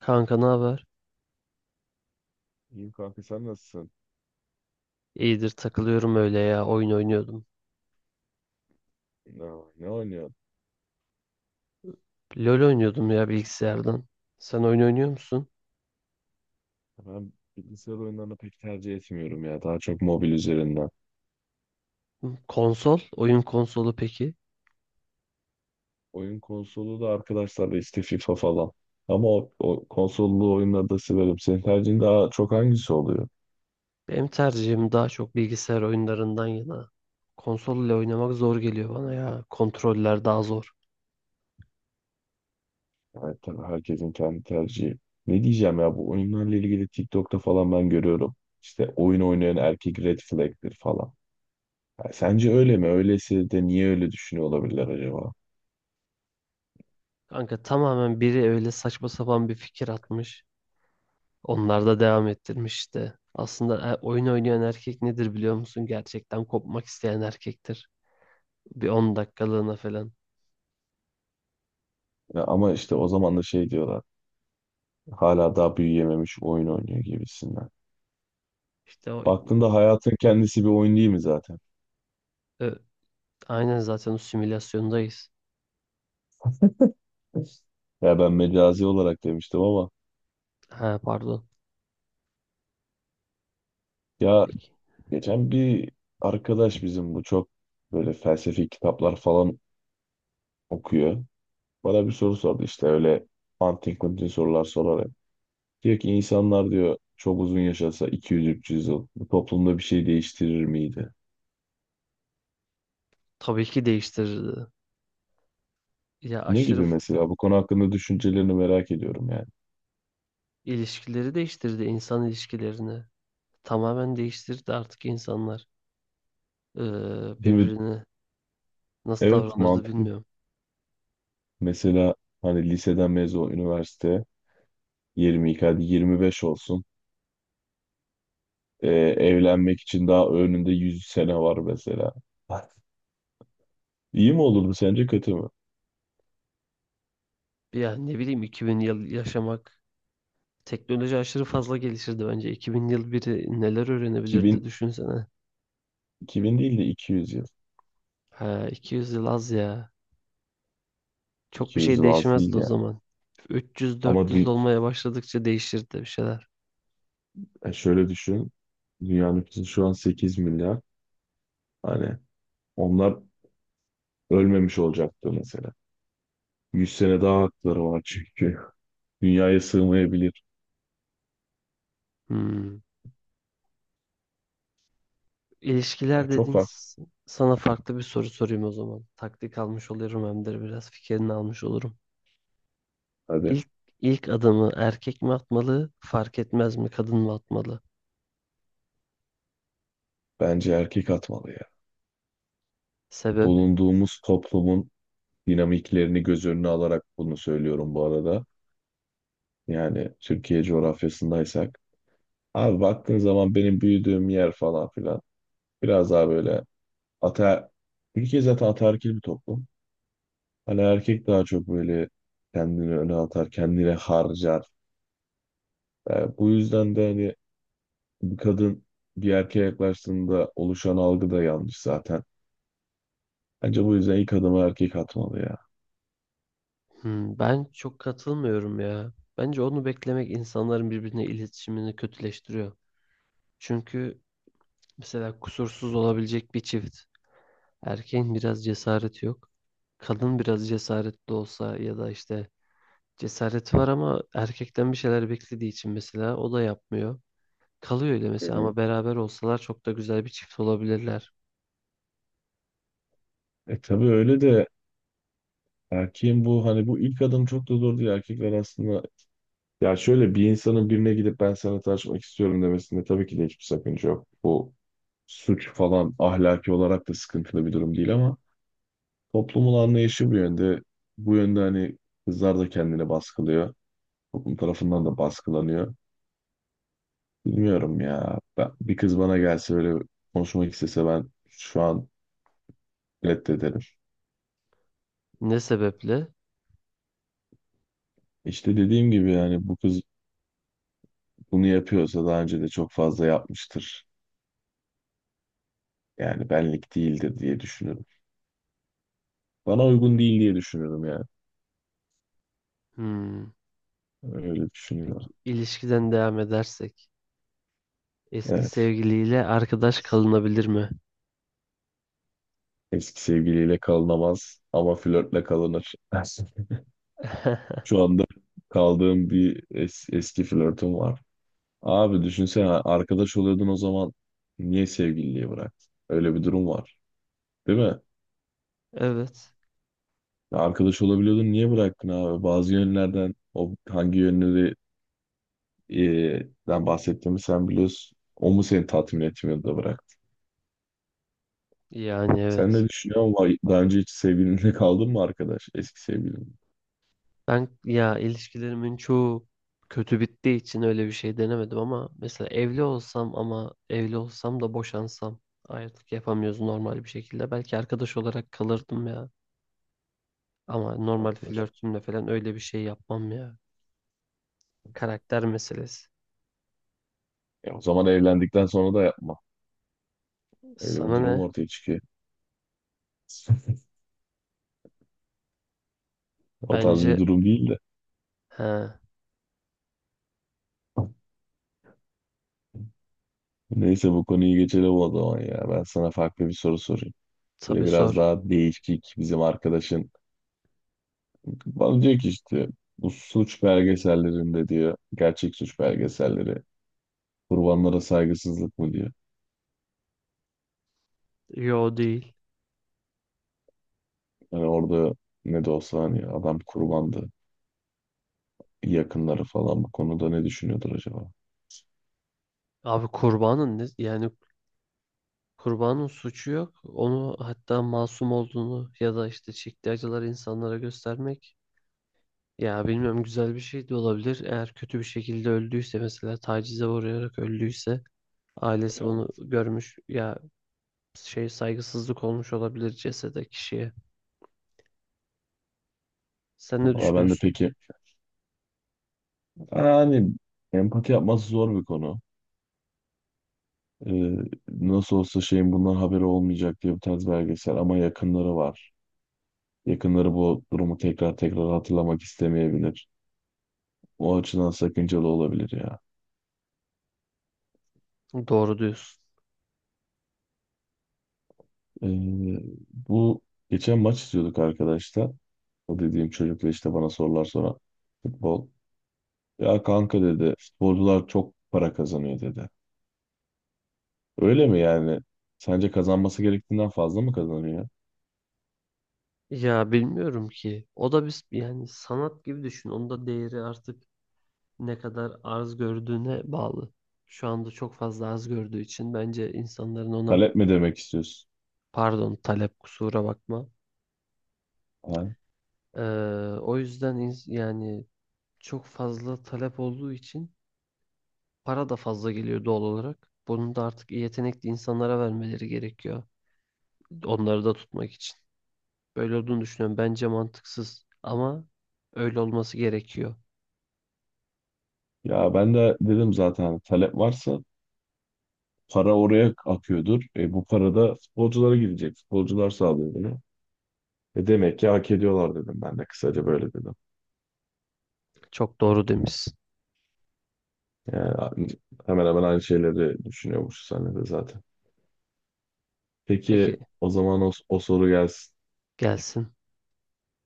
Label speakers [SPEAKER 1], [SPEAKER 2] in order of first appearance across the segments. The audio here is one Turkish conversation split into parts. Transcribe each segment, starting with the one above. [SPEAKER 1] Kanka ne haber?
[SPEAKER 2] İyiyim kanka sen nasılsın?
[SPEAKER 1] İyidir takılıyorum öyle ya, oyun oynuyordum.
[SPEAKER 2] Ne, ne oynuyorsun?
[SPEAKER 1] LoL oynuyordum ya, bilgisayardan. Sen oyun oynuyor musun?
[SPEAKER 2] Ben bilgisayar oyunlarını pek tercih etmiyorum ya. Daha çok mobil üzerinden.
[SPEAKER 1] Konsol, oyun konsolu peki?
[SPEAKER 2] Oyun konsolu da arkadaşlarla işte FIFA falan. Ama o konsollu oyunları da severim. Senin tercihin daha çok hangisi oluyor?
[SPEAKER 1] Benim tercihim daha çok bilgisayar oyunlarından yana. Konsol ile oynamak zor geliyor bana ya. Kontroller daha zor.
[SPEAKER 2] Evet tabii herkesin kendi tercihi. Ne diyeceğim ya, bu oyunlarla ilgili TikTok'ta falan ben görüyorum. İşte oyun oynayan erkek red flag'tir falan. Ha, sence öyle mi? Öyleyse de niye öyle düşünüyor olabilirler acaba?
[SPEAKER 1] Kanka tamamen biri öyle saçma sapan bir fikir atmış. Onlar da devam ettirmiş işte. Aslında oyun oynayan erkek nedir biliyor musun? Gerçekten kopmak isteyen erkektir. Bir 10 dakikalığına falan.
[SPEAKER 2] Ya ama işte o zaman da şey diyorlar. Hala daha büyüyememiş, oyun oynuyor gibisinden.
[SPEAKER 1] İşte o
[SPEAKER 2] Baktığında hayatın kendisi bir oyun değil mi zaten?
[SPEAKER 1] ö- aynen, zaten o simülasyondayız.
[SPEAKER 2] Ya ben mecazi olarak demiştim ama
[SPEAKER 1] Ha pardon.
[SPEAKER 2] ya.
[SPEAKER 1] Peki.
[SPEAKER 2] Geçen bir arkadaş bizim, bu çok böyle felsefi kitaplar falan okuyor. Bana bir soru sordu işte öyle antin kuntin sorular sorarak. Diyor ki insanlar diyor çok uzun yaşasa 200-300 yıl bu toplumda bir şey değiştirir miydi?
[SPEAKER 1] Tabii ki değiştirirdi. Ya
[SPEAKER 2] Ne
[SPEAKER 1] aşırı
[SPEAKER 2] gibi
[SPEAKER 1] f-
[SPEAKER 2] mesela, bu konu hakkında düşüncelerini merak ediyorum yani.
[SPEAKER 1] ilişkileri değiştirdi, insan ilişkilerini. Tamamen değiştirdi artık insanlar. Ee,
[SPEAKER 2] Değil mi?
[SPEAKER 1] birbirine nasıl
[SPEAKER 2] Evet,
[SPEAKER 1] davranırdı
[SPEAKER 2] mantıklı.
[SPEAKER 1] bilmiyorum.
[SPEAKER 2] Mesela hani liseden mezun üniversite 22, hadi 25 olsun. Ee, Evlenmek için daha önünde 100 sene var mesela. İyi mi olurdu sence kötü mü?
[SPEAKER 1] Ya ne bileyim, 2000 yıl yaşamak. Teknoloji aşırı
[SPEAKER 2] İki-
[SPEAKER 1] fazla gelişirdi bence. 2000 yıl biri neler öğrenebilirdi
[SPEAKER 2] 2000,
[SPEAKER 1] düşünsene.
[SPEAKER 2] 2000 değil de 200 yıl.
[SPEAKER 1] Ha, 200 yıl az ya. Çok bir
[SPEAKER 2] 200
[SPEAKER 1] şey
[SPEAKER 2] yıl az değil
[SPEAKER 1] değişmezdi o
[SPEAKER 2] yani.
[SPEAKER 1] zaman.
[SPEAKER 2] Ama
[SPEAKER 1] 300-400
[SPEAKER 2] dü-
[SPEAKER 1] olmaya başladıkça değişirdi bir şeyler.
[SPEAKER 2] Şöyle düşün. Dünya nüfusu şu an 8 milyar. Hani onlar ölmemiş olacaktı mesela. 100 sene daha hakları var çünkü. Dünyaya sığmayabilir.
[SPEAKER 1] Hmm.
[SPEAKER 2] Ya
[SPEAKER 1] İlişkiler
[SPEAKER 2] çok
[SPEAKER 1] dedin.
[SPEAKER 2] var.
[SPEAKER 1] Sana farklı bir soru sorayım o zaman. Taktik almış oluyorum, hem de biraz fikrini almış olurum.
[SPEAKER 2] Hadi,
[SPEAKER 1] İlk ilk adımı erkek mi atmalı, fark etmez mi, kadın mı atmalı?
[SPEAKER 2] bence erkek atmalı ya.
[SPEAKER 1] Sebep?
[SPEAKER 2] Bulunduğumuz toplumun dinamiklerini göz önüne alarak bunu söylüyorum bu arada. Yani Türkiye coğrafyasındaysak. Abi baktığın zaman benim büyüdüğüm yer falan filan. Biraz daha böyle ater... Türkiye zaten ataerkil bir toplum. Hani erkek daha çok böyle kendini öne atar, kendine harcar. E, bu yüzden de hani bir kadın bir erkeğe yaklaştığında oluşan algı da yanlış zaten. Bence bu yüzden ilk adımı erkek atmalı ya.
[SPEAKER 1] Hmm, ben çok katılmıyorum ya. Bence onu beklemek insanların birbirine iletişimini kötüleştiriyor. Çünkü mesela kusursuz olabilecek bir çift. Erkeğin biraz cesareti yok. Kadın biraz cesaretli olsa ya da işte cesareti var ama erkekten bir şeyler beklediği için mesela o da yapmıyor. Kalıyor öyle
[SPEAKER 2] Hı
[SPEAKER 1] mesela,
[SPEAKER 2] hı.
[SPEAKER 1] ama beraber olsalar çok da güzel bir çift olabilirler.
[SPEAKER 2] E tabii öyle de, erkeğin bu hani bu ilk adım çok da zor değil. Erkekler aslında. Ya şöyle, bir insanın birine gidip ben sana tanışmak istiyorum demesinde tabii ki de hiçbir sakınca yok. Bu suç falan, ahlaki olarak da sıkıntılı bir durum değil ama toplumun anlayışı bu yönde. Bu yönde hani kızlar da kendini baskılıyor. Toplum tarafından da baskılanıyor. Bilmiyorum ya. Ben, bir kız bana gelse öyle konuşmak istese, ben şu an reddederim.
[SPEAKER 1] Ne sebeple?
[SPEAKER 2] İşte dediğim gibi yani, bu kız bunu yapıyorsa daha önce de çok fazla yapmıştır. Yani benlik değildir diye düşünüyorum. Bana uygun değil diye düşünüyorum yani.
[SPEAKER 1] Hmm.
[SPEAKER 2] Öyle düşünüyor.
[SPEAKER 1] Peki ilişkiden devam edersek, eski
[SPEAKER 2] Evet.
[SPEAKER 1] sevgiliyle arkadaş kalınabilir mi?
[SPEAKER 2] Eski sevgiliyle kalınamaz ama flörtle kalınır. Şu anda kaldığım bir eski flörtüm var. Abi düşünsene, arkadaş oluyordun o zaman niye sevgililiği bıraktın? Öyle bir durum var. Değil mi?
[SPEAKER 1] Evet.
[SPEAKER 2] Arkadaş olabiliyordun niye bıraktın abi? Bazı yönlerden, o hangi yönleri e, den bahsettiğimi sen biliyorsun. O mu seni tatmin etmiyordu da bıraktı?
[SPEAKER 1] Yani
[SPEAKER 2] Sen
[SPEAKER 1] evet.
[SPEAKER 2] ne düşünüyorsun? Vay, daha önce hiç sevgilinle kaldın mı arkadaş? Eski sevgilin.
[SPEAKER 1] Ben ya, ilişkilerimin çoğu kötü bittiği için öyle bir şey denemedim, ama mesela evli olsam, ama evli olsam da boşansam, ayrılık yapamıyoruz normal bir şekilde. Belki arkadaş olarak kalırdım ya. Ama normal flörtümle falan öyle bir şey yapmam ya. Karakter meselesi.
[SPEAKER 2] E, o zaman evlendikten sonra da yapma. Öyle bir
[SPEAKER 1] Sana
[SPEAKER 2] durum
[SPEAKER 1] ne?
[SPEAKER 2] ortaya çıkıyor. O tarz
[SPEAKER 1] Bence,
[SPEAKER 2] bir durum değil de.
[SPEAKER 1] he,
[SPEAKER 2] Neyse bu konuyu geçelim o zaman ya. Ben sana farklı bir soru sorayım. Böyle
[SPEAKER 1] tabii
[SPEAKER 2] biraz
[SPEAKER 1] sor.
[SPEAKER 2] daha değişik bizim arkadaşın. Bana diyor ki işte, bu suç belgesellerinde diyor. Gerçek suç belgeselleri. Kurbanlara saygısızlık mı diyor.
[SPEAKER 1] Yo, değil.
[SPEAKER 2] Hani orada ne de olsa hani adam kurbandı. Yakınları falan bu konuda ne düşünüyordur acaba?
[SPEAKER 1] Abi kurbanın ne? Yani kurbanın suçu yok. Onu hatta masum olduğunu ya da işte çektiği acıları insanlara göstermek. Ya bilmiyorum, güzel bir şey de olabilir. Eğer kötü bir şekilde öldüyse, mesela tacize uğrayarak öldüyse, ailesi bunu
[SPEAKER 2] Evet.
[SPEAKER 1] görmüş ya, şey, saygısızlık olmuş olabilir cesede, kişiye. Sen ne
[SPEAKER 2] Valla ben de
[SPEAKER 1] düşünüyorsun?
[SPEAKER 2] peki. Yani hani empati yapması zor bir konu. Ee, Nasıl olsa şeyin bundan haberi olmayacak diye bir tarz belgesel ama yakınları var. Yakınları bu durumu tekrar tekrar hatırlamak istemeyebilir. O açıdan sakıncalı olabilir ya.
[SPEAKER 1] Doğru diyorsun.
[SPEAKER 2] Ee, Bu geçen maç izliyorduk arkadaşlar. O dediğim çocukla işte, bana sorular soran futbol. Ya kanka dedi, futbolcular çok para kazanıyor dedi. Öyle mi yani? Sence kazanması gerektiğinden fazla mı kazanıyor?
[SPEAKER 1] Ya bilmiyorum ki. O da biz, yani sanat gibi düşün. Onun da değeri artık ne kadar arz gördüğüne bağlı. Şu anda çok fazla arz gördüğü için, bence insanların ona,
[SPEAKER 2] Talep mi demek istiyorsun?
[SPEAKER 1] pardon, talep, kusura bakma.
[SPEAKER 2] Ha?
[SPEAKER 1] Ee, o yüzden yani çok fazla talep olduğu için para da fazla geliyor doğal olarak. Bunu da artık yetenekli insanlara vermeleri gerekiyor. Onları da tutmak için. Böyle olduğunu düşünüyorum. Bence mantıksız ama öyle olması gerekiyor.
[SPEAKER 2] Ya ben de dedim zaten hani, talep varsa para oraya akıyordur. E, bu para da futbolculara gidecek. Futbolcular sağlıyor bunu. E, demek ki hak ediyorlar dedim ben de, kısaca böyle dedim.
[SPEAKER 1] Çok doğru demişsin.
[SPEAKER 2] Yani hemen hemen aynı şeyleri düşünüyormuş sen de zaten.
[SPEAKER 1] Peki
[SPEAKER 2] Peki o zaman o soru gelsin.
[SPEAKER 1] gelsin.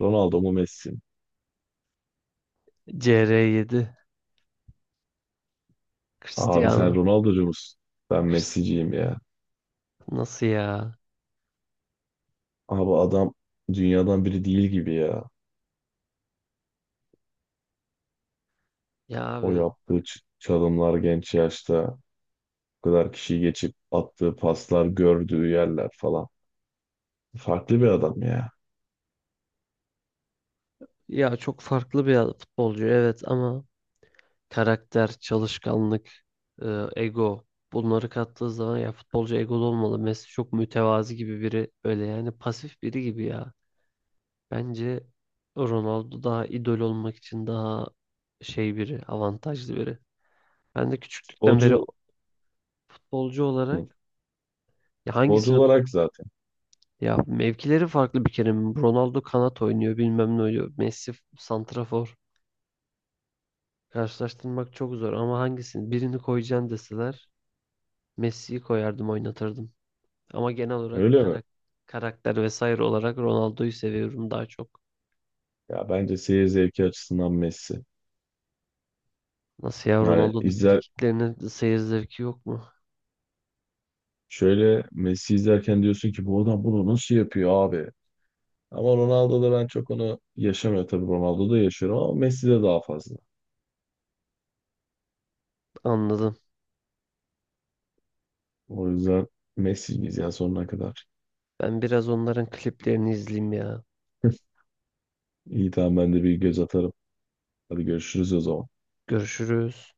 [SPEAKER 2] Ronaldo mu Messi mi?
[SPEAKER 1] CR7,
[SPEAKER 2] Abi sen
[SPEAKER 1] Cristiano.
[SPEAKER 2] Ronaldo'cu musun? Ben
[SPEAKER 1] Crist-
[SPEAKER 2] Messi'ciyim ya.
[SPEAKER 1] Nasıl ya?
[SPEAKER 2] Abi adam dünyadan biri değil gibi ya.
[SPEAKER 1] Ya
[SPEAKER 2] O
[SPEAKER 1] abi.
[SPEAKER 2] yaptığı çalımlar genç yaşta, bu kadar kişiyi geçip attığı paslar, gördüğü yerler falan. Farklı bir adam ya.
[SPEAKER 1] Ya çok farklı bir futbolcu evet, ama karakter, çalışkanlık, e, ego, bunları kattığı zaman ya futbolcu egolu olmalı. Messi çok mütevazi gibi biri, öyle yani pasif biri gibi ya. Bence Ronaldo daha idol olmak için daha şey biri, avantajlı biri. Ben de küçüklükten beri
[SPEAKER 2] Futbolcu.
[SPEAKER 1] futbolcu olarak ya
[SPEAKER 2] Futbolcu
[SPEAKER 1] hangisini
[SPEAKER 2] olarak zaten.
[SPEAKER 1] ya mevkileri farklı bir kere. Ronaldo kanat oynuyor, bilmem ne oynuyor. Messi santrafor. Karşılaştırmak çok zor, ama hangisini, birini koyacaksın deseler, Messi'yi koyardım, oynatırdım. Ama genel olarak
[SPEAKER 2] Öyle mi?
[SPEAKER 1] karakter vesaire olarak Ronaldo'yu seviyorum daha çok.
[SPEAKER 2] Ya bence seyir zevki açısından Messi.
[SPEAKER 1] Nasıl ya,
[SPEAKER 2] Yani
[SPEAKER 1] Ronaldo'nun
[SPEAKER 2] izler,
[SPEAKER 1] frikiklerinin seyir zevki yok mu?
[SPEAKER 2] şöyle Messi izlerken diyorsun ki bu adam bunu nasıl yapıyor abi? Ama Ronaldo'da ben çok onu yaşamıyor, tabii Ronaldo'da yaşıyorum ama Messi'de daha fazla.
[SPEAKER 1] Anladım.
[SPEAKER 2] O yüzden Messi'yiz ya sonuna kadar.
[SPEAKER 1] Ben biraz onların kliplerini izleyeyim ya.
[SPEAKER 2] İyi tamam, ben de bir göz atarım. Hadi görüşürüz o zaman.
[SPEAKER 1] Görüşürüz.